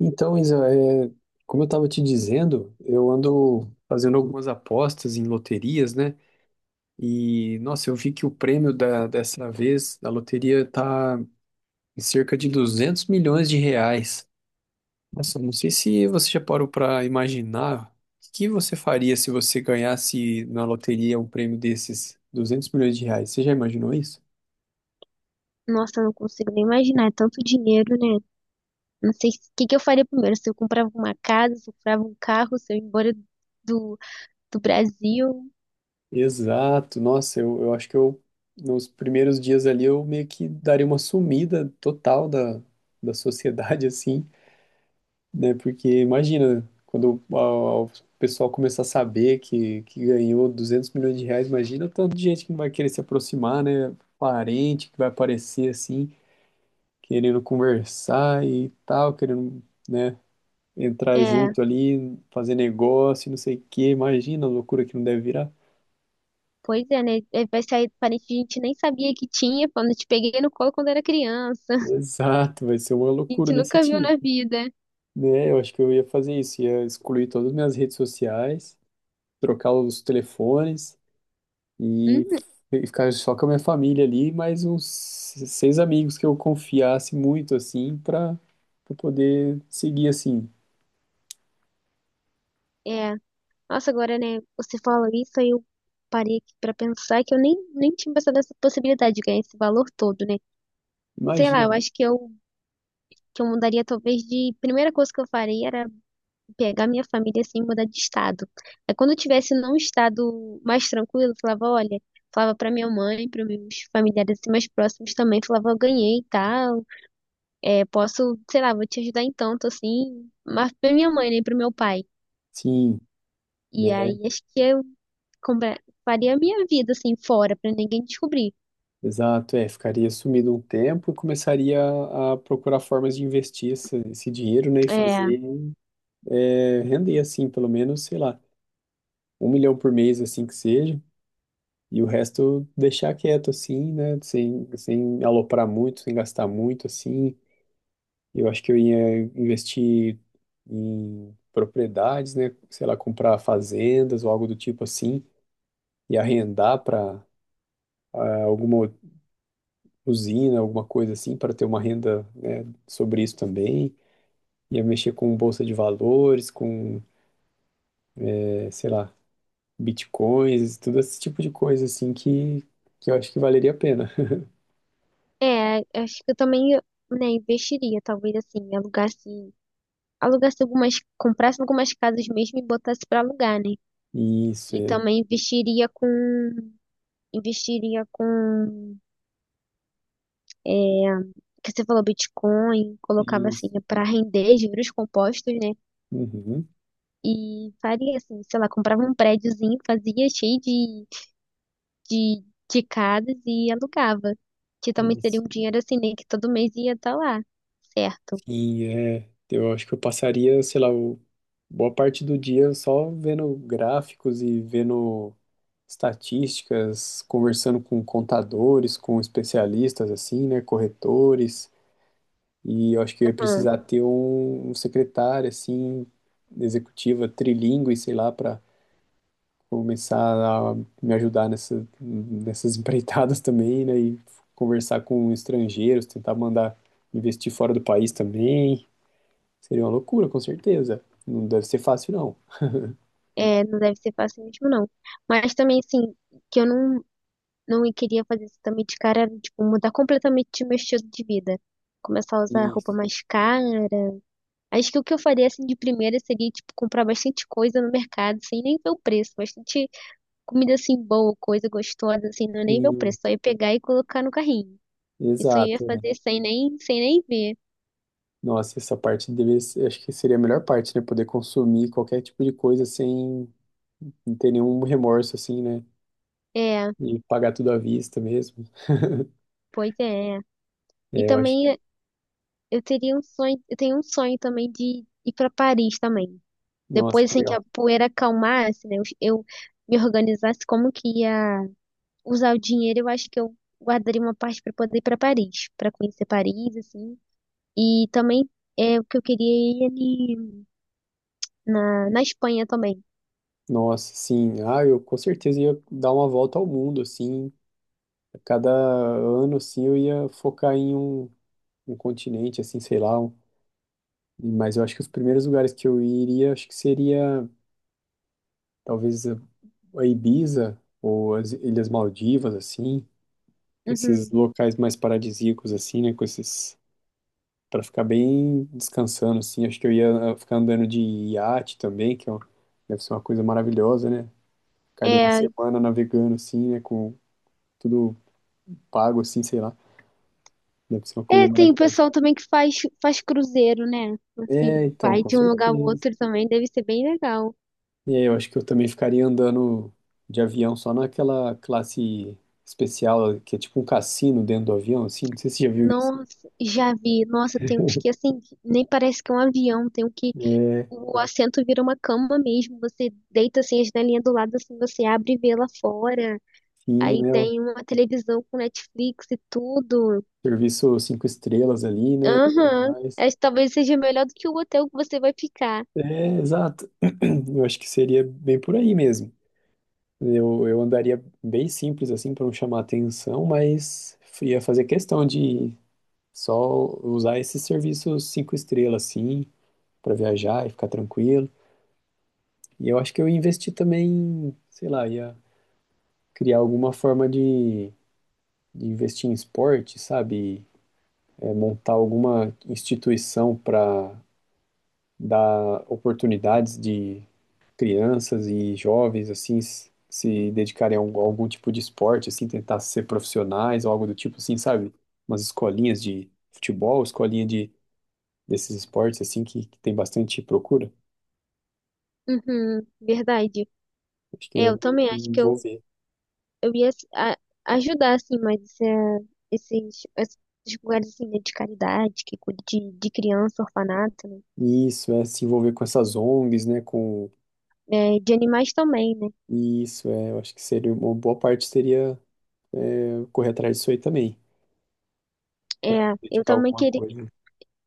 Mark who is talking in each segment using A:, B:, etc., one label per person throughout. A: Então, Isa, é, como eu estava te dizendo, eu ando fazendo algumas apostas em loterias, né? E, nossa, eu vi que o prêmio dessa vez da loteria tá em cerca de 200 milhões de reais. Nossa, eu não sei se você já parou para imaginar o que você faria se você ganhasse na loteria um prêmio desses 200 milhões de reais. Você já imaginou isso?
B: Nossa, eu não consigo nem imaginar, é tanto dinheiro, né? Não sei o que que eu faria primeiro, se eu comprava uma casa, se eu comprava um carro, se eu ia embora do, do Brasil.
A: Exato, nossa, eu acho que eu, nos primeiros dias ali, eu meio que daria uma sumida total da sociedade, assim, né? Porque imagina, quando o pessoal começar a saber que ganhou 200 milhões de reais, imagina o tanto de gente que não vai querer se aproximar, né? Parente que vai aparecer, assim, querendo conversar e tal, querendo, né? Entrar
B: É,
A: junto ali, fazer negócio, não sei o quê, imagina a loucura que não deve virar.
B: pois é, né? É, vai sair parente que a gente nem sabia que tinha, quando eu te peguei no colo quando era criança.
A: Exato, vai ser uma
B: A
A: loucura
B: gente
A: desse
B: nunca viu na
A: tipo,
B: vida.
A: né? Eu acho que eu ia fazer isso, ia excluir todas as minhas redes sociais, trocar os telefones e
B: Uhum,
A: e ficar só com a minha família ali, mais uns seis amigos que eu confiasse muito assim para poder seguir assim.
B: é. Nossa, agora, né? Você falou isso, aí eu parei aqui pra pensar que eu nem tinha pensado nessa possibilidade de ganhar esse valor todo, né? Sei lá,
A: Imagina.
B: eu acho que eu mudaria talvez de... Primeira coisa que eu faria era pegar minha família assim e mudar de estado. Aí quando eu tivesse num estado mais tranquilo, eu falava, olha, falava pra minha mãe, para meus familiares assim, mais próximos também, falava, eu ganhei e tal, é, posso, sei lá, vou te ajudar em tanto assim, mas pra minha mãe, nem né, pro meu pai.
A: Sim,
B: E
A: né?
B: aí acho que eu compra- faria a minha vida assim fora pra ninguém descobrir.
A: Exato, é, ficaria sumido um tempo e começaria a procurar formas de investir esse dinheiro, né, e
B: É,
A: fazer render assim, pelo menos, sei lá um milhão por mês, assim que seja, e o resto deixar quieto, assim, né? Sem aloprar muito, sem gastar muito, assim. Eu acho que eu ia investir em propriedades, né? Sei lá, comprar fazendas ou algo do tipo assim, e arrendar para alguma usina, alguma coisa assim, para ter uma renda, né, sobre isso também. Ia mexer com bolsa de valores, com, sei lá, bitcoins, tudo esse tipo de coisa assim que eu acho que valeria a pena.
B: é, acho que eu também, né, investiria, talvez assim, alugasse algumas, comprasse algumas casas mesmo e botasse pra alugar, né?
A: Isso,
B: E
A: é,
B: também investiria com, é, que você falou Bitcoin, colocava assim
A: isso.
B: para render juros compostos, né?
A: Uhum,
B: E faria assim, sei lá, comprava um prédiozinho, fazia cheio de, de casas e alugava. Que também seria
A: isso.
B: um dinheiro assim, né? Que todo mês ia estar lá, certo?
A: Sim, é. Eu acho que eu passaria, sei lá, boa parte do dia só vendo gráficos e vendo estatísticas, conversando com contadores, com especialistas, assim, né, corretores. E eu acho que eu ia
B: Aham.
A: precisar ter um secretário, assim, executiva, trilingue, sei lá, para começar a me ajudar nessa, nessas empreitadas também, né? E conversar com estrangeiros, tentar mandar investir fora do país também. Seria uma loucura, com certeza. Não deve ser fácil, não.
B: É, não deve ser fácil mesmo, não. Mas também, assim, que eu não queria fazer isso também de cara, era, tipo, mudar completamente meu estilo de vida. Começar a usar roupa
A: Isso.
B: mais cara. Acho que o que eu faria, assim, de primeira seria, tipo, comprar bastante coisa no mercado, sem nem ver o preço. Bastante comida, assim, boa, coisa gostosa, assim, não é nem ver o
A: Sim,
B: preço. Só ia pegar e colocar no carrinho. Isso eu ia
A: exato.
B: fazer sem nem ver.
A: Nossa, essa parte deveria ser, acho que seria a melhor parte, né? Poder consumir qualquer tipo de coisa sem não ter nenhum remorso, assim, né?
B: É,
A: E pagar tudo à vista mesmo.
B: pois é. E
A: É, eu acho.
B: também eu teria um sonho, eu tenho um sonho também de ir para Paris também.
A: Nossa,
B: Depois,
A: que
B: assim, que
A: legal.
B: a poeira acalmasse, né? Eu eu me organizasse como que ia usar o dinheiro, eu acho que eu guardaria uma parte para poder ir para Paris, para conhecer Paris, assim. E também é o que eu queria é ir ali na Espanha também.
A: Nossa, sim. Ah, eu com certeza ia dar uma volta ao mundo, assim, a cada ano, assim, eu ia focar em um continente, assim, sei lá. Mas eu acho que os primeiros lugares que eu iria, acho que seria talvez a Ibiza ou as Ilhas Maldivas, assim. Esses
B: Uhum.
A: locais mais paradisíacos, assim, né? Com esses, para ficar bem descansando, assim. Acho que eu ia ah, ficar andando de iate também, que é deve ser uma coisa maravilhosa, né? Ficar ali uma
B: É,
A: semana navegando, assim, né? Com tudo pago, assim, sei lá. Deve ser uma coisa
B: é, tem
A: maravilhosa.
B: pessoal também que faz cruzeiro, né?
A: É,
B: Assim,
A: então,
B: vai
A: com
B: de um lugar ao
A: certeza.
B: outro também, deve ser bem legal.
A: E aí, eu acho que eu também ficaria andando de avião só naquela classe especial, que é tipo um cassino dentro do avião, assim. Não sei se você já viu isso.
B: Nossa, já vi. Nossa, tem uns que assim, nem parece que é um avião, tem um que
A: É,
B: o assento vira uma cama mesmo. Você deita assim a janelinha do lado, assim você abre e vê lá fora.
A: sim,
B: Aí
A: né? O
B: tem uma televisão com Netflix e tudo.
A: serviço cinco estrelas ali, né? E tudo
B: Aham.
A: mais.
B: Acho que talvez seja melhor do que o hotel que você vai ficar.
A: É, exato. Eu acho que seria bem por aí mesmo. Eu andaria bem simples, assim, para não chamar atenção, mas ia fazer questão de só usar esses serviços cinco estrelas, assim, para viajar e ficar tranquilo. E eu acho que eu investi também, sei lá, ia criar alguma forma de investir em esporte, sabe? É, montar alguma instituição para dar oportunidades de crianças e jovens, assim, se dedicarem a algum tipo de esporte, assim, tentar ser profissionais ou algo do tipo, assim, sabe? Umas escolinhas de futebol, escolinha de, desses esportes, assim, que tem bastante procura.
B: Uhum, verdade.
A: Acho que
B: É,
A: ia
B: eu
A: me
B: também acho
A: envolver.
B: eu ia assim, ajudar, assim, mas é, esses lugares assim, né, de caridade, que cuida de criança, orfanato, né?
A: Isso, é se envolver com essas ONGs, né? Com
B: É, de animais também, né?
A: isso, é, eu acho que seria uma boa parte seria é, correr atrás disso aí também,
B: É, eu
A: dedicar
B: também
A: alguma
B: queria.
A: coisa.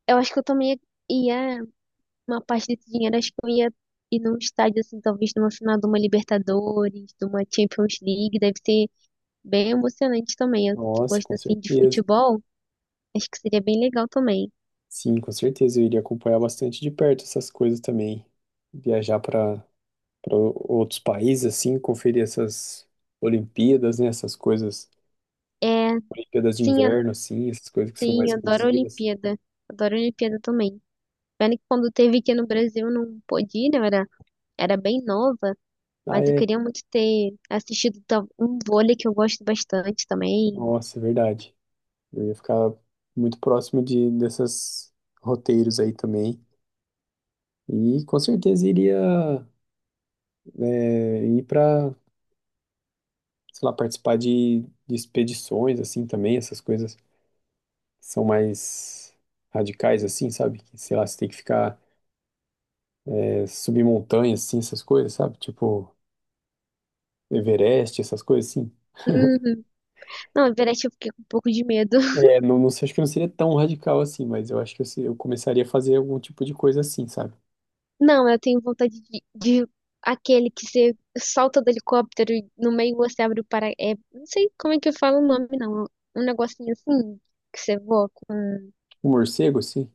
B: Eu acho que eu também ia, uma parte desse dinheiro acho que eu ia ir num estádio, assim, talvez numa final de uma Libertadores, de uma Champions League, deve ser bem emocionante também. Eu que
A: Nossa,
B: gosto,
A: com
B: assim, de
A: certeza.
B: futebol, acho que seria bem legal também.
A: Sim, com certeza eu iria acompanhar bastante de perto essas coisas também. Viajar para outros países assim, conferir essas Olimpíadas, né, essas coisas,
B: É,
A: Olimpíadas de
B: sim,
A: inverno assim, essas coisas que são
B: sim,
A: mais
B: adoro a
A: exclusivas.
B: Olimpíada, adoro a Olimpíada também. Pena que quando teve aqui no Brasil eu não pude ir, né? Era bem nova,
A: Ah,
B: mas eu
A: é.
B: queria muito ter assistido um vôlei que eu gosto bastante também.
A: Nossa, é verdade. Eu ia ficar muito próximo de dessas roteiros aí também. E com certeza iria ir para, sei lá, participar de expedições, assim, também, essas coisas que são mais radicais, assim, sabe? Que, sei lá, você tem que ficar, subir montanhas, assim, essas coisas, sabe? Tipo, Everest, essas coisas, assim.
B: Uhum. Não, na verdade eu fiquei com um pouco de medo.
A: É, não, não sei, acho que não seria tão radical assim, mas eu acho que eu, se- eu começaria a fazer algum tipo de coisa assim, sabe?
B: Não, eu tenho vontade de aquele que você salta do helicóptero e no meio você abre o para... É, não sei como é que eu falo o nome, não. Um negocinho assim, que você voa com...
A: Um morcego, assim.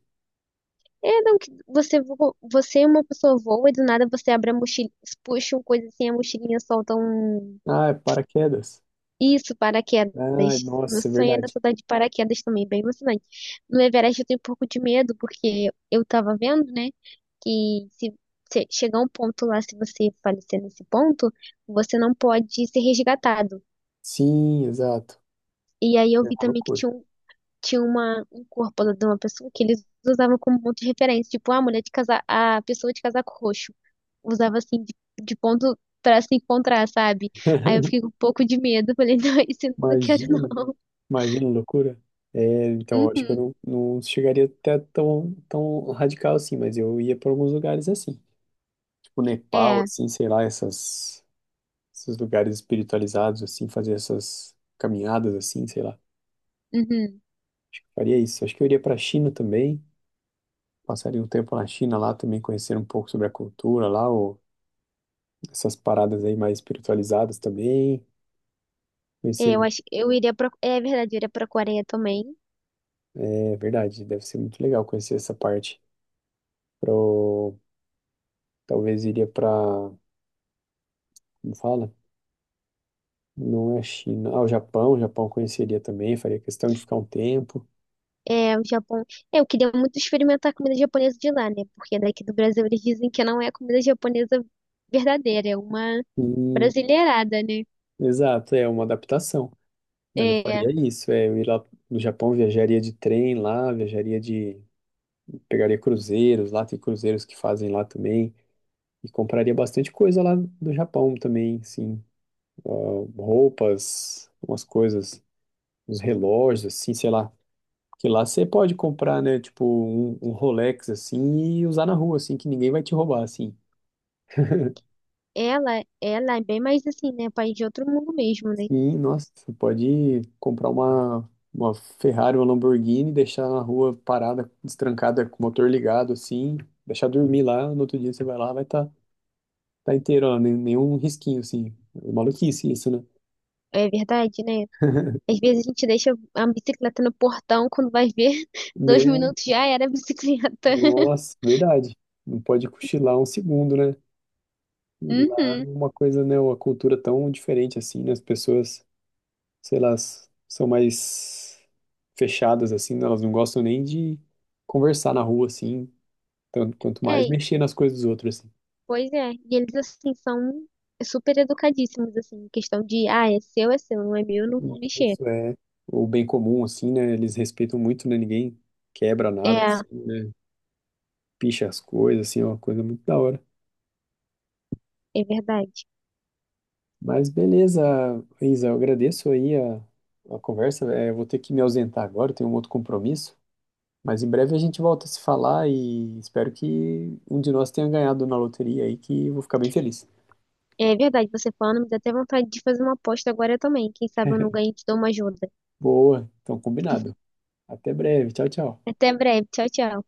B: É, não, que você voa, você é uma pessoa voa e do nada você abre a mochila, puxa uma coisa assim, a mochilinha solta um...
A: Ah, é paraquedas.
B: Isso, paraquedas.
A: Ah,
B: Meu
A: nossa, é
B: sonho era
A: verdade.
B: saltar de paraquedas também, bem emocionante. No Everest eu tenho um pouco de medo, porque eu tava vendo, né, que se chegar um ponto lá, se você falecer nesse ponto, você não pode ser resgatado.
A: Sim, exato.
B: E aí eu
A: É uma
B: vi também que
A: loucura.
B: tinha um, tinha uma, um corpo lá de uma pessoa que eles usavam como ponto de referência, tipo, a mulher de casa, a pessoa de casaco roxo. Usava assim, de ponto pra se encontrar, sabe? Aí eu fiquei com um pouco de medo, falei, não, isso eu não quero
A: Imagina.
B: não.
A: Imagina, loucura. É, então, eu acho que eu
B: Uhum.
A: não, não chegaria até tão radical assim, mas eu ia para alguns lugares assim. Tipo Nepal,
B: É,
A: assim, sei lá, esses lugares espiritualizados, assim, fazer essas caminhadas, assim, sei lá.
B: uhum.
A: Faria isso. Acho que eu iria para a China também. Passaria um tempo na China lá também, conhecer um pouco sobre a cultura lá, ou essas paradas aí mais espiritualizadas também.
B: É, eu
A: Conhecer,
B: acho, é verdade, eu iria pra Coreia também.
A: é verdade, deve ser muito legal conhecer essa parte. Pro, talvez iria para, como fala? Não é a China. Ah, o Japão eu conheceria também, faria questão de ficar um tempo.
B: É, o Japão. É, eu queria muito experimentar a comida japonesa de lá, né? Porque daqui do Brasil eles dizem que não é a comida japonesa verdadeira, é uma
A: Hum,
B: brasileirada, né?
A: exato, é uma adaptação. Mas eu
B: É,
A: faria isso, é, eu ir lá no Japão, viajaria de trem lá, viajaria de. Pegaria cruzeiros lá, tem cruzeiros que fazem lá também. E compraria bastante coisa lá do Japão também, sim. Roupas, umas coisas, uns relógios, assim, sei lá. Que lá você pode comprar, né, tipo, um Rolex, assim, e usar na rua, assim, que ninguém vai te roubar, assim.
B: ela é bem mais assim, né? País de outro mundo mesmo, né?
A: Sim, nossa, você pode comprar uma Ferrari, uma Lamborghini, deixar na rua parada, destrancada, com o motor ligado, assim, deixar dormir lá, no outro dia você vai lá, vai estar tá inteiro, ó, nenhum risquinho, assim. É maluquice isso, né?
B: É verdade, né? Às vezes a gente deixa a bicicleta no portão, quando vai ver, dois
A: Né?
B: minutos já era a bicicleta.
A: Nossa, verdade. Não pode cochilar um segundo, né? E lá é
B: Uhum.
A: uma coisa, né, uma cultura tão diferente, assim, né? As pessoas, sei lá, são mais fechadas, assim, né? Elas não gostam nem de conversar na rua, assim, tanto quanto mais
B: É,
A: mexer nas coisas dos outros, assim.
B: pois é, e eles assim são super educadíssimos assim, em questão de, ah, é seu, não é meu, eu não vou
A: E
B: mexer.
A: isso é o bem comum, assim, né? Eles respeitam muito, né? Ninguém quebra nada,
B: É,
A: assim, né? Picha as coisas, assim, é uma coisa muito da hora.
B: é verdade.
A: Mas beleza, Isa, eu agradeço aí a conversa. É, eu vou ter que me ausentar agora, eu tenho um outro compromisso. Mas em breve a gente volta a se falar e espero que um de nós tenha ganhado na loteria aí, que eu vou ficar bem feliz.
B: É verdade, você falando, me dá até vontade de fazer uma aposta agora também. Quem sabe eu não ganho e te dou uma ajuda.
A: Boa, então combinado. Até breve, tchau, tchau.
B: Até breve, tchau, tchau.